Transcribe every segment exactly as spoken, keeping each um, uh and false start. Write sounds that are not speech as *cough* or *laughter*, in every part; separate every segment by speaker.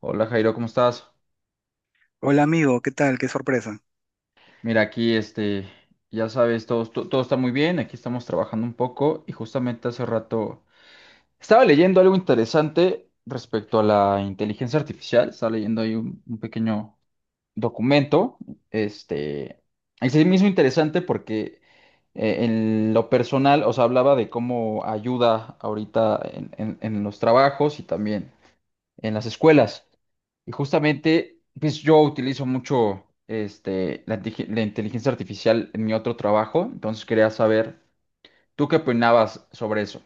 Speaker 1: Hola Jairo, ¿cómo estás?
Speaker 2: Hola amigo, ¿qué tal? Qué sorpresa.
Speaker 1: Mira, aquí este, ya sabes, todo, to- todo está muy bien, aquí estamos trabajando un poco y justamente hace rato estaba leyendo algo interesante respecto a la inteligencia artificial. Estaba leyendo ahí un, un pequeño documento, este, es el mismo interesante porque eh, en lo personal, os hablaba de cómo ayuda ahorita en en- en los trabajos y también en las escuelas. Y justamente, pues yo utilizo mucho este, la, inteligen- la inteligencia artificial en mi otro trabajo, entonces quería saber, ¿tú qué opinabas sobre eso?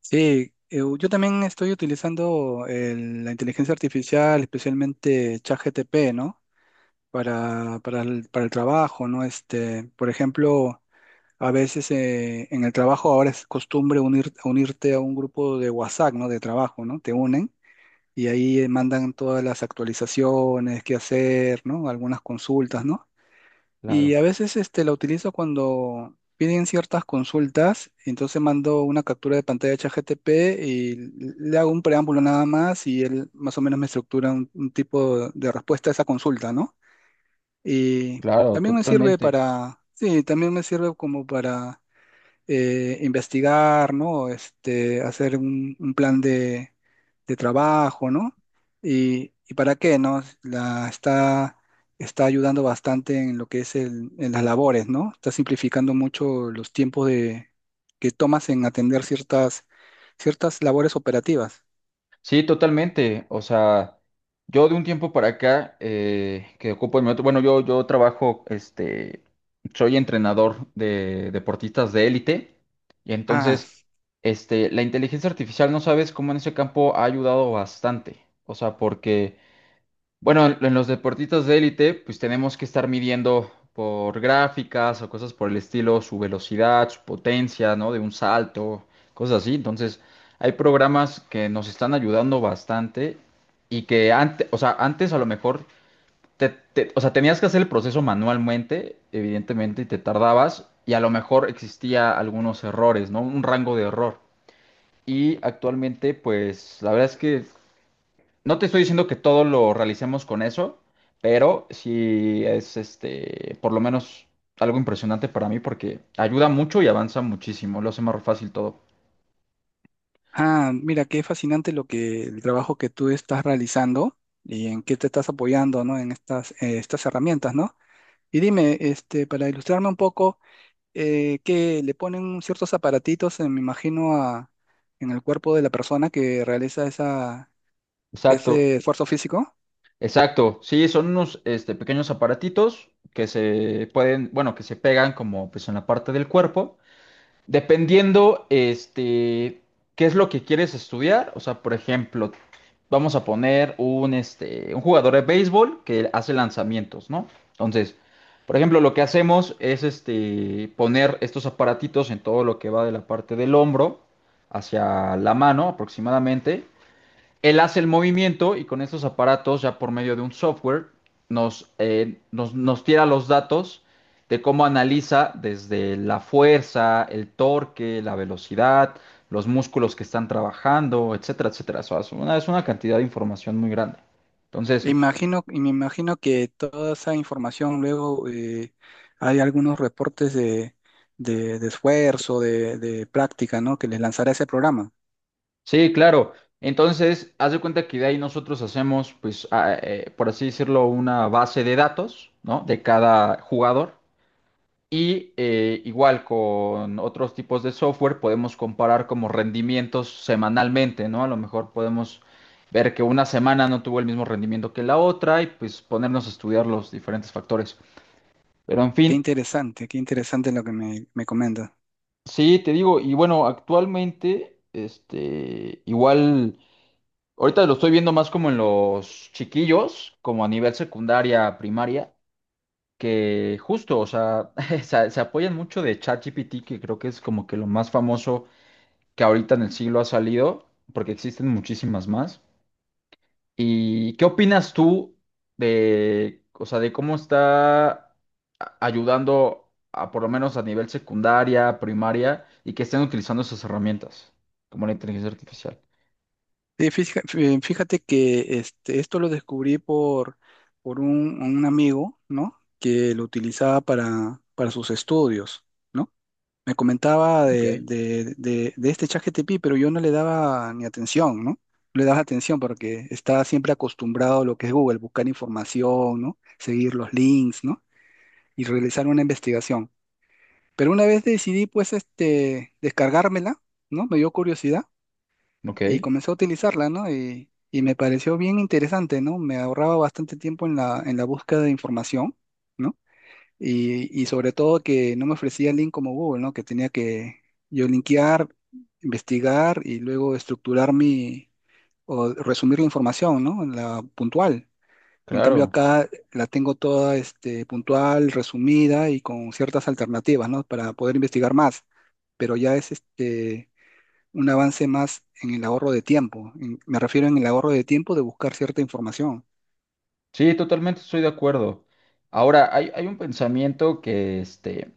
Speaker 2: Sí, eh, yo también estoy utilizando el- la inteligencia artificial, especialmente ChatGPT, ¿no? Para, para el, para el trabajo, ¿no? Este, por ejemplo, a veces eh, en el trabajo ahora es costumbre unir, unirte a un grupo de WhatsApp, ¿no? De trabajo, ¿no? Te unen y ahí eh, mandan todas las actualizaciones, qué hacer, ¿no? Algunas consultas, ¿no? Y
Speaker 1: Claro.
Speaker 2: a veces este, la utilizo cuando piden ciertas consultas, entonces mando una captura de pantalla a ChatGPT y le hago un preámbulo nada más y él más o menos me estructura un, un tipo de respuesta a esa consulta, ¿no? Y
Speaker 1: Claro, claro,
Speaker 2: también me sirve
Speaker 1: totalmente.
Speaker 2: para, sí, también me sirve como para eh, investigar, ¿no? Este, hacer un, un plan de, de trabajo, ¿no? Y, y para qué, ¿no? La está, está ayudando bastante en lo que es el- en las labores, ¿no? Está simplificando mucho los tiempos de, que tomas en atender ciertas, ciertas labores operativas.
Speaker 1: Sí, totalmente. O sea, yo de un tiempo para acá eh, que ocupo en mi otro, bueno, yo, yo trabajo, este, soy entrenador de deportistas de élite y
Speaker 2: Ah,
Speaker 1: entonces, este, la inteligencia artificial, no sabes cómo en ese campo ha ayudado bastante. O sea, porque bueno, en en los deportistas de élite, pues tenemos que estar midiendo por gráficas o cosas por el estilo, su velocidad, su potencia, ¿no? De un salto, cosas así. Entonces, hay programas que nos están ayudando bastante, y que antes, o sea, antes a lo mejor, te, te- o sea, tenías que hacer el proceso manualmente, evidentemente, y te tardabas y a lo mejor existía algunos errores, ¿no? Un rango de error. Y actualmente, pues, la verdad es que no te estoy diciendo que todo lo realicemos con eso, pero sí es este, por lo menos algo impresionante para mí porque ayuda mucho y avanza muchísimo, lo hace más fácil todo.
Speaker 2: ah, mira, qué fascinante lo que el trabajo que tú estás realizando y en qué te estás apoyando, ¿no? En estas, eh, estas herramientas, ¿no? Y dime, este, para ilustrarme un poco, eh, que le ponen ciertos aparatitos, eh, me imagino, a, en el cuerpo de la persona que realiza esa,
Speaker 1: Exacto,
Speaker 2: ese esfuerzo físico.
Speaker 1: exacto. Sí, son unos este, pequeños aparatitos que se pueden, bueno, que se pegan como pues en la parte del cuerpo. Dependiendo, este, qué es lo que quieres estudiar. O sea, por ejemplo, vamos a poner un, este, un jugador de béisbol que hace lanzamientos, ¿no? Entonces, por ejemplo, lo que hacemos es, este, poner estos aparatitos en todo lo que va de la parte del hombro hacia la mano aproximadamente. Él hace el movimiento y con estos aparatos, ya por medio de un software, nos, eh, nos, nos tira los datos de cómo analiza desde la fuerza, el torque, la velocidad, los músculos que están trabajando, etcétera, etcétera. O sea, es una, es una cantidad de información muy grande.
Speaker 2: E
Speaker 1: Entonces,
Speaker 2: imagino, y me imagino que toda esa información luego eh, hay algunos reportes de, de, de esfuerzo, de, de práctica, ¿no? Que les lanzará ese programa.
Speaker 1: sí, claro. Entonces, haz de cuenta que de ahí nosotros hacemos, pues, a- eh, por así decirlo, una base de datos, ¿no? De cada jugador. Y eh, igual con otros tipos de software podemos comparar como rendimientos semanalmente, ¿no? A lo mejor podemos ver que una semana no tuvo el mismo rendimiento que la otra y pues ponernos a estudiar los diferentes factores. Pero en
Speaker 2: Qué
Speaker 1: fin,
Speaker 2: interesante, qué interesante lo que me, me comentas.
Speaker 1: sí, te digo, y bueno, actualmente, este, igual, ahorita lo estoy viendo más como en los chiquillos, como a nivel secundaria, primaria, que justo, o sea, *laughs* se, se apoyan mucho de ChatGPT, que creo que es como que lo más famoso que ahorita en el siglo ha salido, porque existen muchísimas más. ¿Y qué opinas tú de, o sea, de cómo está a- ayudando a, por lo menos a nivel secundaria, primaria, y que estén utilizando esas herramientas, como la inteligencia artificial?
Speaker 2: Sí, fija- fí- fíjate que este, esto lo descubrí por, por un, un amigo, ¿no? Que lo utilizaba para, para sus estudios, ¿no? Me comentaba
Speaker 1: Ok.
Speaker 2: de, de, de, de este ChatGPT, pero yo no le daba ni atención, ¿no? No le daba atención porque estaba siempre acostumbrado a lo que es Google, buscar información, ¿no? Seguir los links, ¿no? Y realizar una investigación. Pero una vez decidí, pues, este, descargármela, ¿no? Me dio curiosidad
Speaker 1: Ok,
Speaker 2: y comencé a utilizarla, ¿no? Y, y me pareció bien interesante, ¿no? Me ahorraba bastante tiempo en la, en la búsqueda de información, ¿no? Y, y sobre todo que no me ofrecía el link como Google, ¿no? Que tenía que yo linkear, investigar y luego estructurar mi, o resumir la información, ¿no? La puntual. En cambio
Speaker 1: claro.
Speaker 2: acá la tengo toda este, puntual, resumida y con ciertas alternativas, ¿no? Para poder investigar más. Pero ya es este un avance más en el ahorro de tiempo. En- me refiero en el ahorro de tiempo de buscar cierta información.
Speaker 1: Sí, totalmente estoy de acuerdo. Ahora, hay, hay un pensamiento que, este,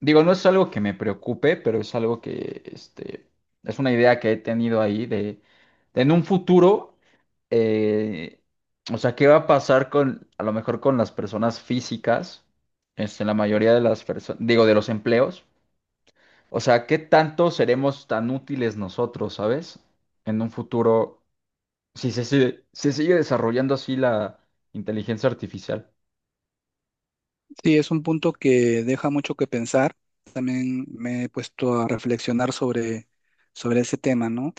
Speaker 1: digo, no es algo que me preocupe, pero es algo que, este, es una idea que he tenido ahí de, de en un futuro, eh, o sea, ¿qué va a pasar con, a lo mejor con las personas físicas, este, la mayoría de las personas, digo, de los empleos? O sea, ¿qué tanto seremos tan útiles nosotros, sabes? En un futuro, si se sigue- se sigue desarrollando así la inteligencia artificial.
Speaker 2: Sí, es un punto que deja mucho que pensar. También me he puesto a reflexionar sobre, sobre ese tema, ¿no?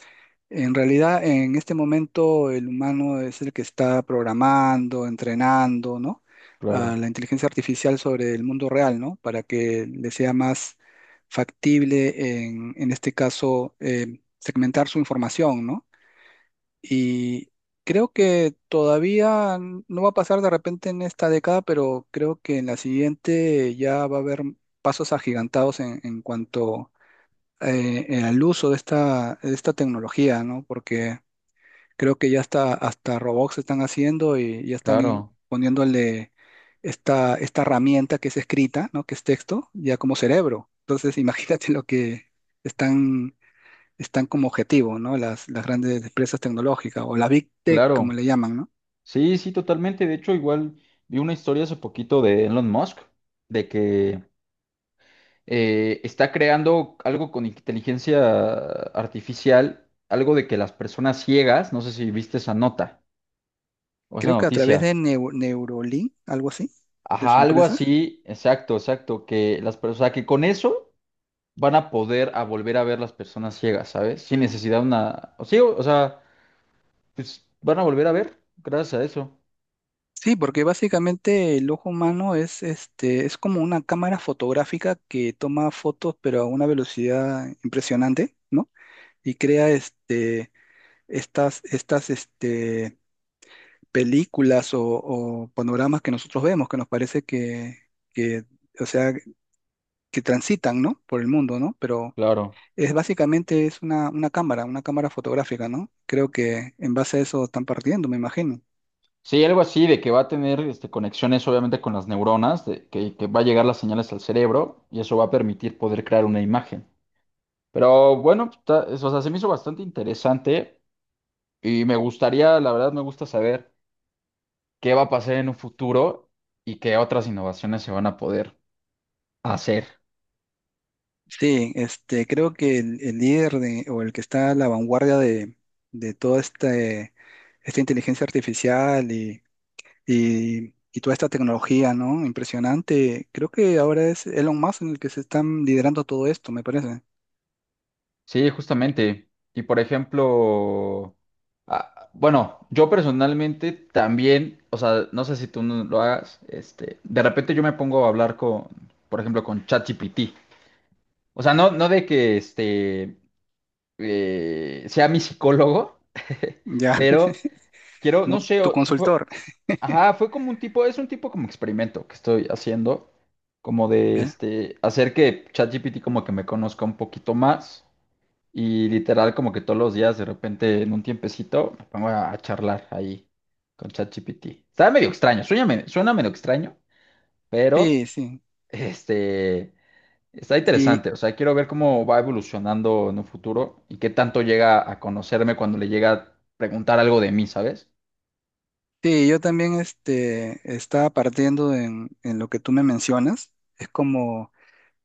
Speaker 2: En realidad, en este momento, el humano es el que está programando, entrenando, ¿no? A
Speaker 1: Claro,
Speaker 2: la inteligencia artificial sobre el mundo real, ¿no? Para que le sea más factible, en, en este caso, eh, segmentar su información, ¿no? Y creo que todavía n- no va a pasar de repente en esta década, pero creo que en la siguiente ya va a haber pasos agigantados en, en cuanto eh, eh, al uso de esta, de esta tecnología, ¿no? Porque creo que ya hasta, hasta robots están haciendo y ya están in-
Speaker 1: claro,
Speaker 2: poniéndole esta, esta herramienta que es escrita, ¿no? Que es texto, ya como cerebro. Entonces, *laughs* imagínate lo que están están como objetivo, ¿no? Las, las grandes empresas tecnológicas o la Big Tech, como
Speaker 1: claro.
Speaker 2: le llaman, ¿no?
Speaker 1: Sí, sí, totalmente. De hecho, igual vi una historia hace poquito de Elon Musk, de que eh, está creando algo con inteligencia artificial, algo de que las personas ciegas, no sé si viste esa nota o esa
Speaker 2: Creo que a través
Speaker 1: noticia.
Speaker 2: de Neu- Neurolink, algo así, de
Speaker 1: Ajá,
Speaker 2: su
Speaker 1: algo
Speaker 2: empresa.
Speaker 1: así, exacto, exacto, que las personas, o sea, que con eso van a poder a volver a ver las personas ciegas, ¿sabes? Sin necesidad de una, o sí, o o sea, pues van a volver a ver gracias a eso.
Speaker 2: Sí, porque básicamente el ojo humano es, este, es como una cámara fotográfica que toma fotos, pero a una velocidad impresionante, ¿no? Y crea este, estas, estas este, películas o, o panoramas que nosotros vemos, que nos parece que, que, o sea, que transitan, ¿no? Por el mundo, ¿no? Pero
Speaker 1: Claro.
Speaker 2: es básicamente es una, una cámara, una cámara fotográfica, ¿no? Creo que en base a eso están partiendo, me imagino.
Speaker 1: Sí, algo así de que va a tener este, conexiones obviamente con las neuronas, de que, que va a llegar las señales al cerebro y eso va a permitir poder crear una imagen. Pero bueno, está- es- o sea, se me hizo bastante interesante y me gustaría, la verdad me gusta saber qué va a pasar en un futuro y qué otras innovaciones se van a poder hacer.
Speaker 2: Sí, este, creo que el, el líder de- o el que está a la vanguardia de, de toda este, esta inteligencia artificial y, y- y toda esta tecnología, ¿no? Impresionante. Creo que ahora es Elon Musk en el que se están liderando todo esto, me parece.
Speaker 1: Sí, justamente. Y por ejemplo, ah, bueno, yo personalmente también, o sea, no sé si tú no lo hagas, este, de repente yo me pongo a hablar con, por ejemplo, con ChatGPT. O sea, no, no de que este eh, sea mi psicólogo, *laughs*
Speaker 2: Ya,
Speaker 1: pero
Speaker 2: *laughs*
Speaker 1: quiero, no
Speaker 2: como
Speaker 1: sé,
Speaker 2: tu
Speaker 1: o- eso fue,
Speaker 2: consultor.
Speaker 1: ajá, fue como un tipo, es un tipo como experimento que estoy haciendo, como de
Speaker 2: ¿Eh?
Speaker 1: este, hacer que ChatGPT como que me conozca un poquito más. Y literal, como que todos los días, de repente, en un tiempecito, me pongo a, a charlar ahí con ChatGPT. Está medio extraño, suena, me- suena medio extraño, pero
Speaker 2: Sí, sí.
Speaker 1: *laughs* este está
Speaker 2: Y,
Speaker 1: interesante. O sea, quiero ver cómo va evolucionando en un futuro y qué tanto llega a conocerme cuando le llega a preguntar algo de mí, ¿sabes?
Speaker 2: sí, yo también este, estaba partiendo en, en lo que tú me mencionas. Es como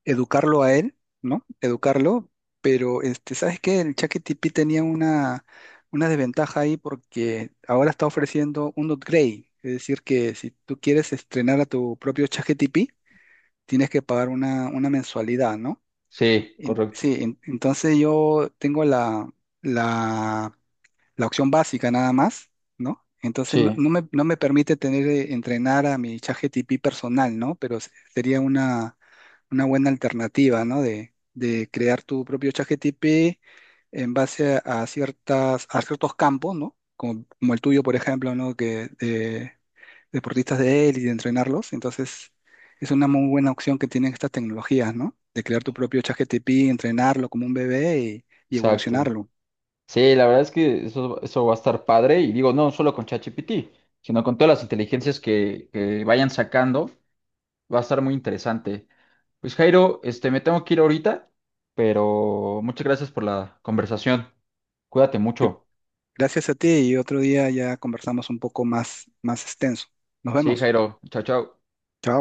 Speaker 2: educarlo a él, ¿no? Educarlo, pero este, ¿sabes qué? El ChatGPT tenía una, una desventaja ahí porque ahora está ofreciendo un upgrade. Es decir, que si tú quieres estrenar a tu propio ChatGPT, tienes que pagar una, una mensualidad, ¿no?
Speaker 1: Sí,
Speaker 2: En-
Speaker 1: correcto.
Speaker 2: sí, en- entonces yo tengo la, la la opción básica nada más, ¿no? Entonces no,
Speaker 1: Sí,
Speaker 2: no me, no me permite tener, eh, entrenar a mi ChatGPT personal, ¿no? Pero se- sería una, una buena alternativa, ¿no? De, de crear tu propio ChatGPT en base a, a ciertas, a ciertos campos, ¿no? Como, como el tuyo, por ejemplo, ¿no? Que de deportistas de élite, de entrenarlos. Entonces, es una muy buena opción que tienen estas tecnologías, ¿no? De crear tu propio ChatGPT, entrenarlo como un bebé y, y
Speaker 1: exacto.
Speaker 2: evolucionarlo.
Speaker 1: Sí, la verdad es que eso, eso va a estar padre. Y digo, no solo con ChatGPT, sino con todas las inteligencias que, que vayan sacando. Va a estar muy interesante. Pues Jairo, este, me tengo que ir ahorita, pero muchas gracias por la conversación. Cuídate mucho.
Speaker 2: Gracias a ti y otro día ya conversamos un poco más, más extenso. Nos
Speaker 1: Sí,
Speaker 2: vemos.
Speaker 1: Jairo. Chao, chao.
Speaker 2: Chao.